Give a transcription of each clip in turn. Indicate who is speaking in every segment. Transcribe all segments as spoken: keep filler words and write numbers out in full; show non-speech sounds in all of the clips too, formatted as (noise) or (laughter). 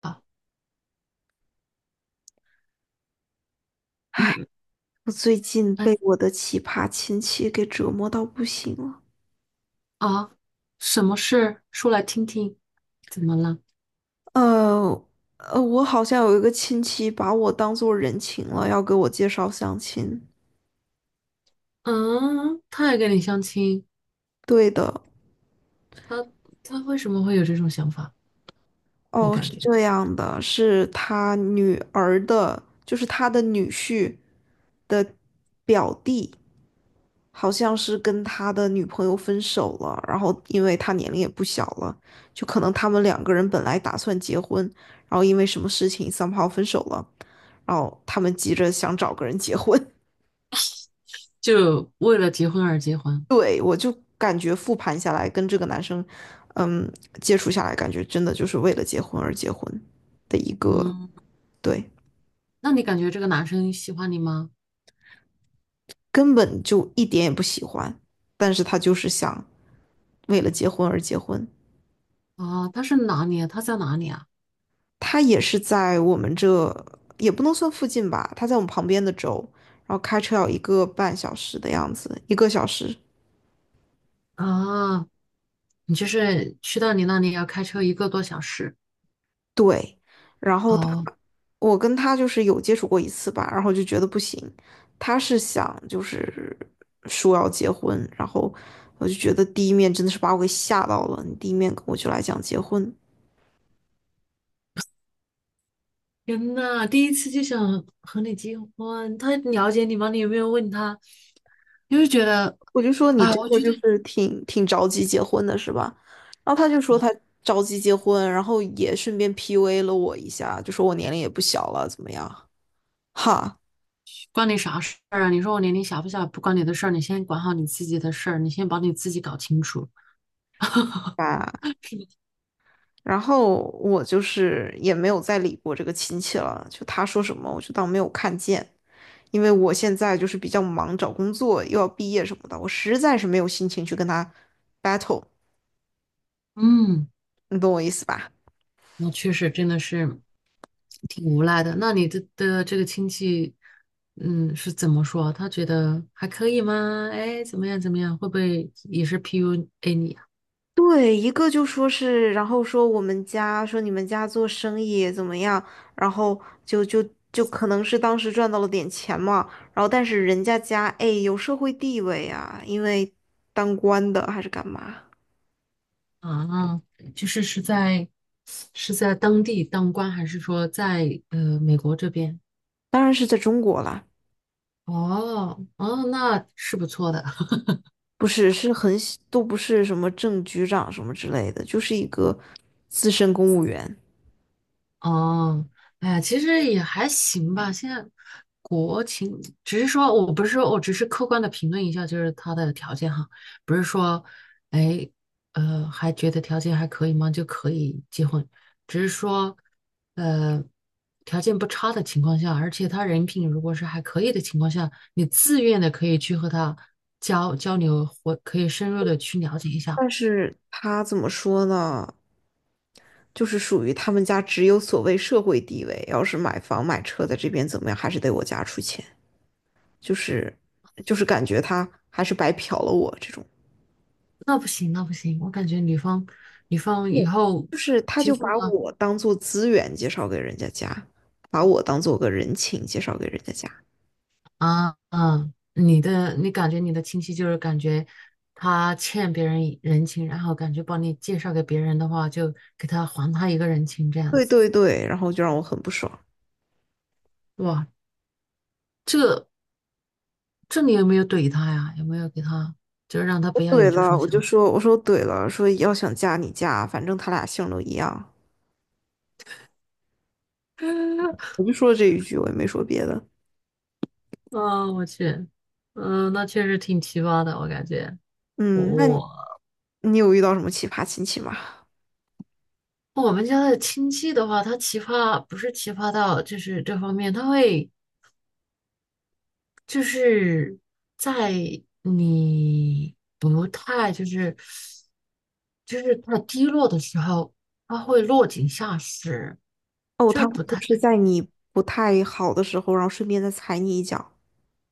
Speaker 1: 啊，
Speaker 2: 唉，
Speaker 1: 嗯，
Speaker 2: 我最近
Speaker 1: 哎
Speaker 2: 被我的奇葩亲戚给折磨到不行了。
Speaker 1: 啊，什么事？说来听听。怎么了？
Speaker 2: 呃呃，我好像有一个亲戚把我当做人情了，要给我介绍相亲。
Speaker 1: 嗯，他也跟你相亲，
Speaker 2: 对的。
Speaker 1: 他他为什么会有这种想法？你
Speaker 2: 哦，
Speaker 1: 感
Speaker 2: 是
Speaker 1: 觉
Speaker 2: 这样的，是他女儿的，就是他的女婿的表弟。好像是跟他的女朋友分手了，然后因为他年龄也不小了，就可能他们两个人本来打算结婚，然后因为什么事情 somehow 分手了，然后他们急着想找个人结婚。
Speaker 1: 就为了结婚而结
Speaker 2: (laughs)
Speaker 1: 婚？
Speaker 2: 对，我就感觉复盘下来，跟这个男生，嗯，接触下来，感觉真的就是为了结婚而结婚的一个。
Speaker 1: 嗯，
Speaker 2: 对，
Speaker 1: 那你感觉这个男生喜欢你吗？
Speaker 2: 根本就一点也不喜欢，但是他就是想为了结婚而结婚。
Speaker 1: 啊，他是哪里啊？他在哪里啊？
Speaker 2: 他也是在我们这，也不能算附近吧，他在我们旁边的州，然后开车要一个半小时的样子，一个小时。
Speaker 1: 啊，你就是去到你那里要开车一个多小时。
Speaker 2: 对，然后他，
Speaker 1: 哦，
Speaker 2: 我跟他就是有接触过一次吧，然后就觉得不行，他是想就是说要结婚，然后我就觉得第一面真的是把我给吓到了，你第一面跟我就来讲结婚。
Speaker 1: 天呐，第一次就想和你结婚，他了解你吗？你有没有问他？就是觉得，
Speaker 2: 我就说你
Speaker 1: 啊，
Speaker 2: 这
Speaker 1: 我
Speaker 2: 个
Speaker 1: 觉
Speaker 2: 就
Speaker 1: 得。
Speaker 2: 是挺挺着急结婚的是吧？然后他就说
Speaker 1: 啊
Speaker 2: 他着急结婚，然后也顺便 P U A 了我一下，就说我年龄也不小了，怎么样？哈
Speaker 1: 关你啥事儿啊？你说我年龄小不小，不关你的事儿，你先管好你自己的事儿，你先把你自己搞清楚。
Speaker 2: 啊！然后我就是也没有再理过这个亲戚了，就他说什么我就当没有看见，因为我现在就是比较忙，找工作又要毕业什么的，我实在是没有心情去跟他 battle，
Speaker 1: 嗯，
Speaker 2: 你懂我意思吧？
Speaker 1: 我确实真的是挺无奈的。那你的的这个亲戚，嗯，是怎么说？他觉得还可以吗？哎，怎么样怎么样？会不会也是 P U A 你
Speaker 2: 对，一个就说是，然后说我们家说你们家做生意怎么样，然后就就就可能是当时赚到了点钱嘛，然后但是人家家哎有社会地位啊，因为当官的还是干嘛，
Speaker 1: 啊？啊，就是是在是在当地当官，还是说在呃美国这边？
Speaker 2: 当然是在中国啦，
Speaker 1: 哦哦，那是不错的。
Speaker 2: 不是是很小都不是什么正局长什么之类的，就是一个资深公务员。
Speaker 1: 哦，哎呀，其实也还行吧。现在国情，只是说我不是说我只是客观的评论一下，就是他的条件哈，不是说，哎，呃，还觉得条件还可以吗？就可以结婚，只是说，呃，条件不差的情况下，而且他人品如果是还可以的情况下，你自愿的可以去和他交交流，或可以深入的去了解一下。
Speaker 2: 但是他怎么说呢？就是属于他们家只有所谓社会地位，要是买房买车在这边怎么样，还是得我家出钱，就是就是感觉他还是白嫖了我这种。
Speaker 1: 那不行，那不行，我感觉女方女方以
Speaker 2: 对，
Speaker 1: 后
Speaker 2: 就是他
Speaker 1: 结
Speaker 2: 就
Speaker 1: 婚
Speaker 2: 把
Speaker 1: 了。
Speaker 2: 我当做资源介绍给人家家，把我当做个人情介绍给人家家。
Speaker 1: 啊嗯，你的你感觉你的亲戚就是感觉他欠别人一人情，然后感觉帮你介绍给别人的话，就给他还他一个人情这样
Speaker 2: 对
Speaker 1: 子。
Speaker 2: 对对，然后就让我很不爽。
Speaker 1: 哇，这这你有没有怼他呀？有没有给他就是让他
Speaker 2: 我
Speaker 1: 不要
Speaker 2: 怼
Speaker 1: 有这
Speaker 2: 了，
Speaker 1: 种
Speaker 2: 我就
Speaker 1: 想法？
Speaker 2: 说我说怼了，说要想嫁你嫁，反正他俩姓都一样，
Speaker 1: (laughs)
Speaker 2: 我就说了这一句，我也没说别的。
Speaker 1: 啊，我去，嗯，那确实挺奇葩的，我感觉。
Speaker 2: 嗯，那你
Speaker 1: 我
Speaker 2: 你有遇到什么奇葩亲戚吗？
Speaker 1: 我们家的亲戚的话，他奇葩不是奇葩到就是这方面，他会。就是在你不太就是就是太低落的时候，他会落井下石，
Speaker 2: 哦，
Speaker 1: 就
Speaker 2: 他
Speaker 1: 是不
Speaker 2: 会就
Speaker 1: 太。
Speaker 2: 是在你不太好的时候，然后顺便再踩你一脚。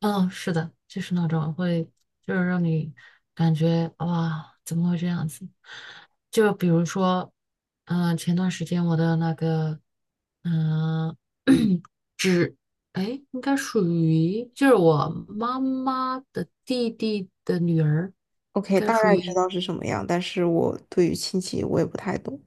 Speaker 1: 嗯，是的，就是那种会，就是让你感觉哇，怎么会这样子？就比如说，嗯、前段时间我的那个，嗯、(clears throat) 只，哎，应该属于就是我妈妈的弟弟的女儿，应
Speaker 2: OK，
Speaker 1: 该
Speaker 2: 大
Speaker 1: 属
Speaker 2: 概知
Speaker 1: 于
Speaker 2: 道是什么样，但是我对于亲戚我也不太懂。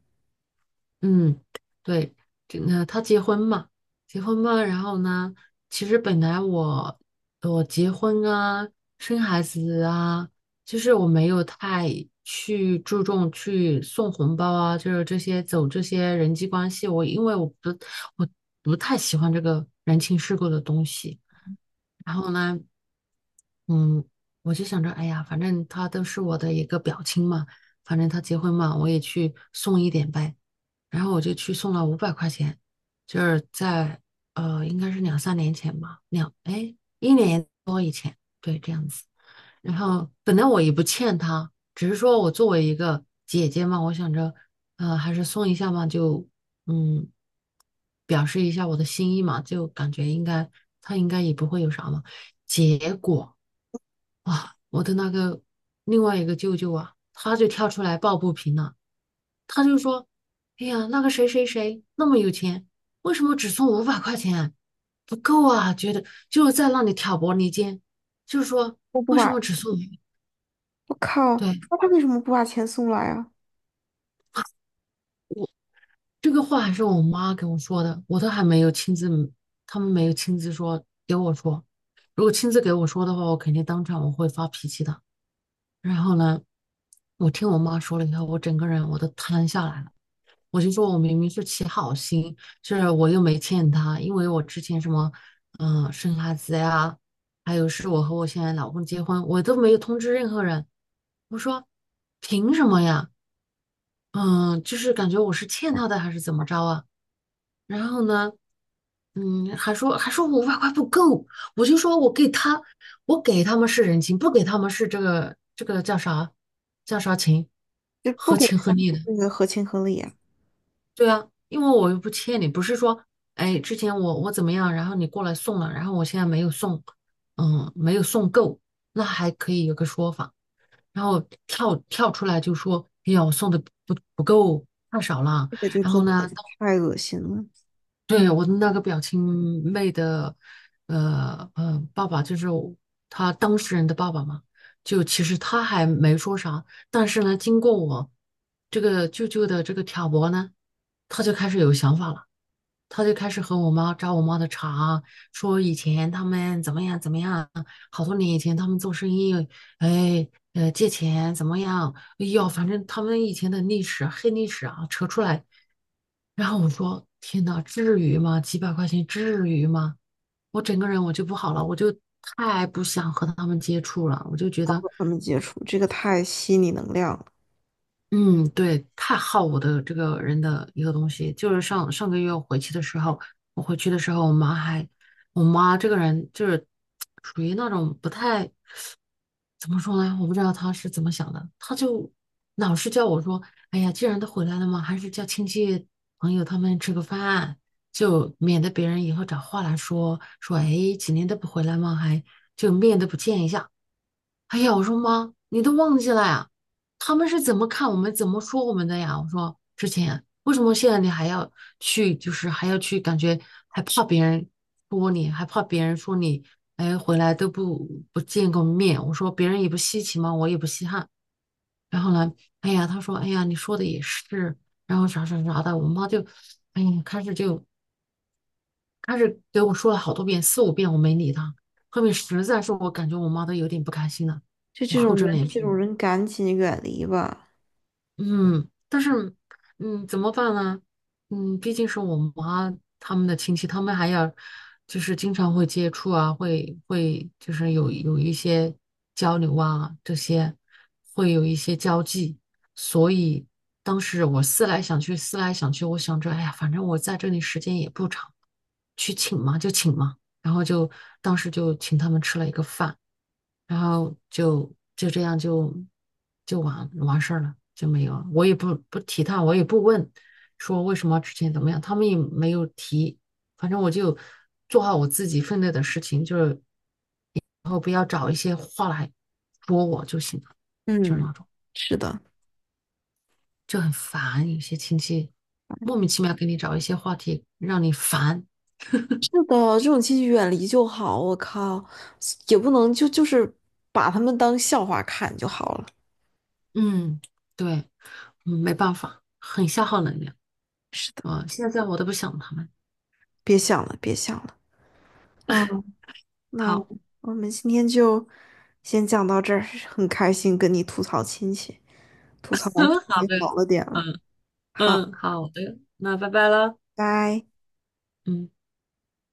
Speaker 1: 嗯，对，这个他结婚嘛，结婚嘛，然后呢，其实本来我我结婚啊，生孩子啊，就是我没有太去注重去送红包啊，就是这些走这些人际关系，我因为我不我不太喜欢这个人情世故的东西，然后呢，嗯，我就想着，哎呀，反正他都是我的一个表亲嘛，反正他结婚嘛，我也去送一点呗。然后我就去送了五百块钱，就是在呃，应该是两三年前吧，两哎一年多一对这样。然后本来我也不欠他，只是说我作为一个姐姐嘛，我想着呃还是送一下嘛，就嗯表示一下我的心意嘛，就感觉应该他应该也不会有啥嘛。结果啊，我的那个另外一个舅舅啊，他就跳出来抱不平了。他就说：“哎呀，那个谁谁谁那么有钱，为什么只送五百块钱啊不够啊！觉得就是在那里挑拨离间，就是说
Speaker 2: 我不
Speaker 1: 为什么
Speaker 2: 把，
Speaker 1: 只送你？
Speaker 2: 我靠，
Speaker 1: 对，
Speaker 2: 那他为什么不把钱送来啊？
Speaker 1: 这个话还是我妈给我说的，我都还没有亲自，他们没有亲自说给我说。如果亲自给我说的话，我肯定当场我会发脾气的。然后呢，我听我妈说了以后，我整个人我都瘫下来了。我就说我明明是起好心，是我又没欠他，因为我之前什么，嗯、生孩子呀，还有是我和我现在老公结婚，我都没有通知任何人。我说凭什么呀？嗯，就是感觉我是欠他的还是怎么着啊？然后呢，嗯，还说还说我五百块不够，我就说我给他，我给他们是人情，不给他们是这个这个叫啥叫啥情，
Speaker 2: 就不
Speaker 1: 合
Speaker 2: 给
Speaker 1: 情合
Speaker 2: 他
Speaker 1: 理的。
Speaker 2: 那个合情合理啊？
Speaker 1: 对啊，因为我又不欠你，不是说，哎，之前我我怎么样，然后你过来送了，然后我现在没有送，嗯，没有送够，那还可以有个说法，然后跳跳出来就说，哎呀，我送的不不够，太少了，
Speaker 2: 这个就
Speaker 1: 然
Speaker 2: 真
Speaker 1: 后
Speaker 2: 的
Speaker 1: 呢，(laughs)
Speaker 2: 太恶心了。
Speaker 1: 对我的那个表亲妹的，呃呃，爸爸就是我他当事人的爸爸嘛，就其实他还没说啥，但是呢，经过我这个舅舅的这个挑拨呢，他就开始有想法了。他就开始和我妈扎我妈的茬，说以前他们怎么样怎么样，好多年以前他们做生意，哎，呃，借钱怎么样？哎呦，反正他们以前的历史黑历史啊，扯出来。然后我说：“天呐，至于吗？几百块钱至于吗？”我整个人我就不好了，我就太不想和他们接触了，我就觉
Speaker 2: 不
Speaker 1: 得
Speaker 2: 跟他们接触，这个太吸你能量了。
Speaker 1: 嗯，对，太耗我的这个人的一个东西，就是上上个月我回去的时候，我回去的时候，我妈还，我妈这个人就是属于那种不太，怎么说呢？我不知道她是怎么想的，她就老是叫我说，哎呀，既然都回来了嘛，还是叫亲戚朋友他们吃个饭，就免得别人以后找话来说，说，哎，几年都不回来嘛，还就面都不见一下。哎呀，我说妈，你都忘记了呀？他们是怎么看我们、怎么说我们的呀？我说之前为什么现在你还要去，就是还要去，感觉还怕别人说你，还怕别人说你，哎，回来都不不见个面。我说别人也不稀奇嘛，我也不稀罕。然后呢，哎呀，他说，哎呀，你说的也是，然后啥啥啥的，我妈就，哎呀，开始就开始给我说了好多遍，四五遍，我没理他。后面实在是我感觉我妈都有点不开心了，
Speaker 2: 就
Speaker 1: 我
Speaker 2: 这种
Speaker 1: 厚着
Speaker 2: 人，
Speaker 1: 脸
Speaker 2: 这种
Speaker 1: 皮。
Speaker 2: 人赶紧远离吧。
Speaker 1: 嗯，但是，嗯，怎么办呢？嗯，毕竟是我妈他们的亲戚，他们还要就是经常会接触啊，会会就是有有一些交流啊，这些会有一些交际，所以当时我思来想去，思来想去，我想着，哎呀，反正我在这里时间也不长，去请嘛就请嘛，然后就当时就请他们吃了一个饭。然后就就这样就就完完事儿了，就没有了。我也不不提他，我也不问说为什么之前怎么样，他们也没有提。反正我就做好我自己分内的事情，就是然后不要找一些话来说我就行了，就是
Speaker 2: 嗯，
Speaker 1: 那种
Speaker 2: 是的。
Speaker 1: 就很烦。有些亲戚莫名其妙给你找一些话题让你烦，
Speaker 2: 是的，这种亲戚远离就好。我靠，也不能就就是把他们当笑话看就好了。
Speaker 1: 嗯，对，嗯没办法，很消耗能量
Speaker 2: 是的，
Speaker 1: 啊。现在我都不想他们。
Speaker 2: 别想了，别想了。啊，那
Speaker 1: 好。
Speaker 2: 我们今天就先讲到这儿，很开心跟你吐槽亲戚，吐槽
Speaker 1: (laughs)
Speaker 2: 完
Speaker 1: 嗯，好
Speaker 2: 也
Speaker 1: 的，
Speaker 2: 好了点了。
Speaker 1: 嗯
Speaker 2: 好，
Speaker 1: 嗯，好的，那拜拜了，
Speaker 2: 拜。
Speaker 1: 嗯。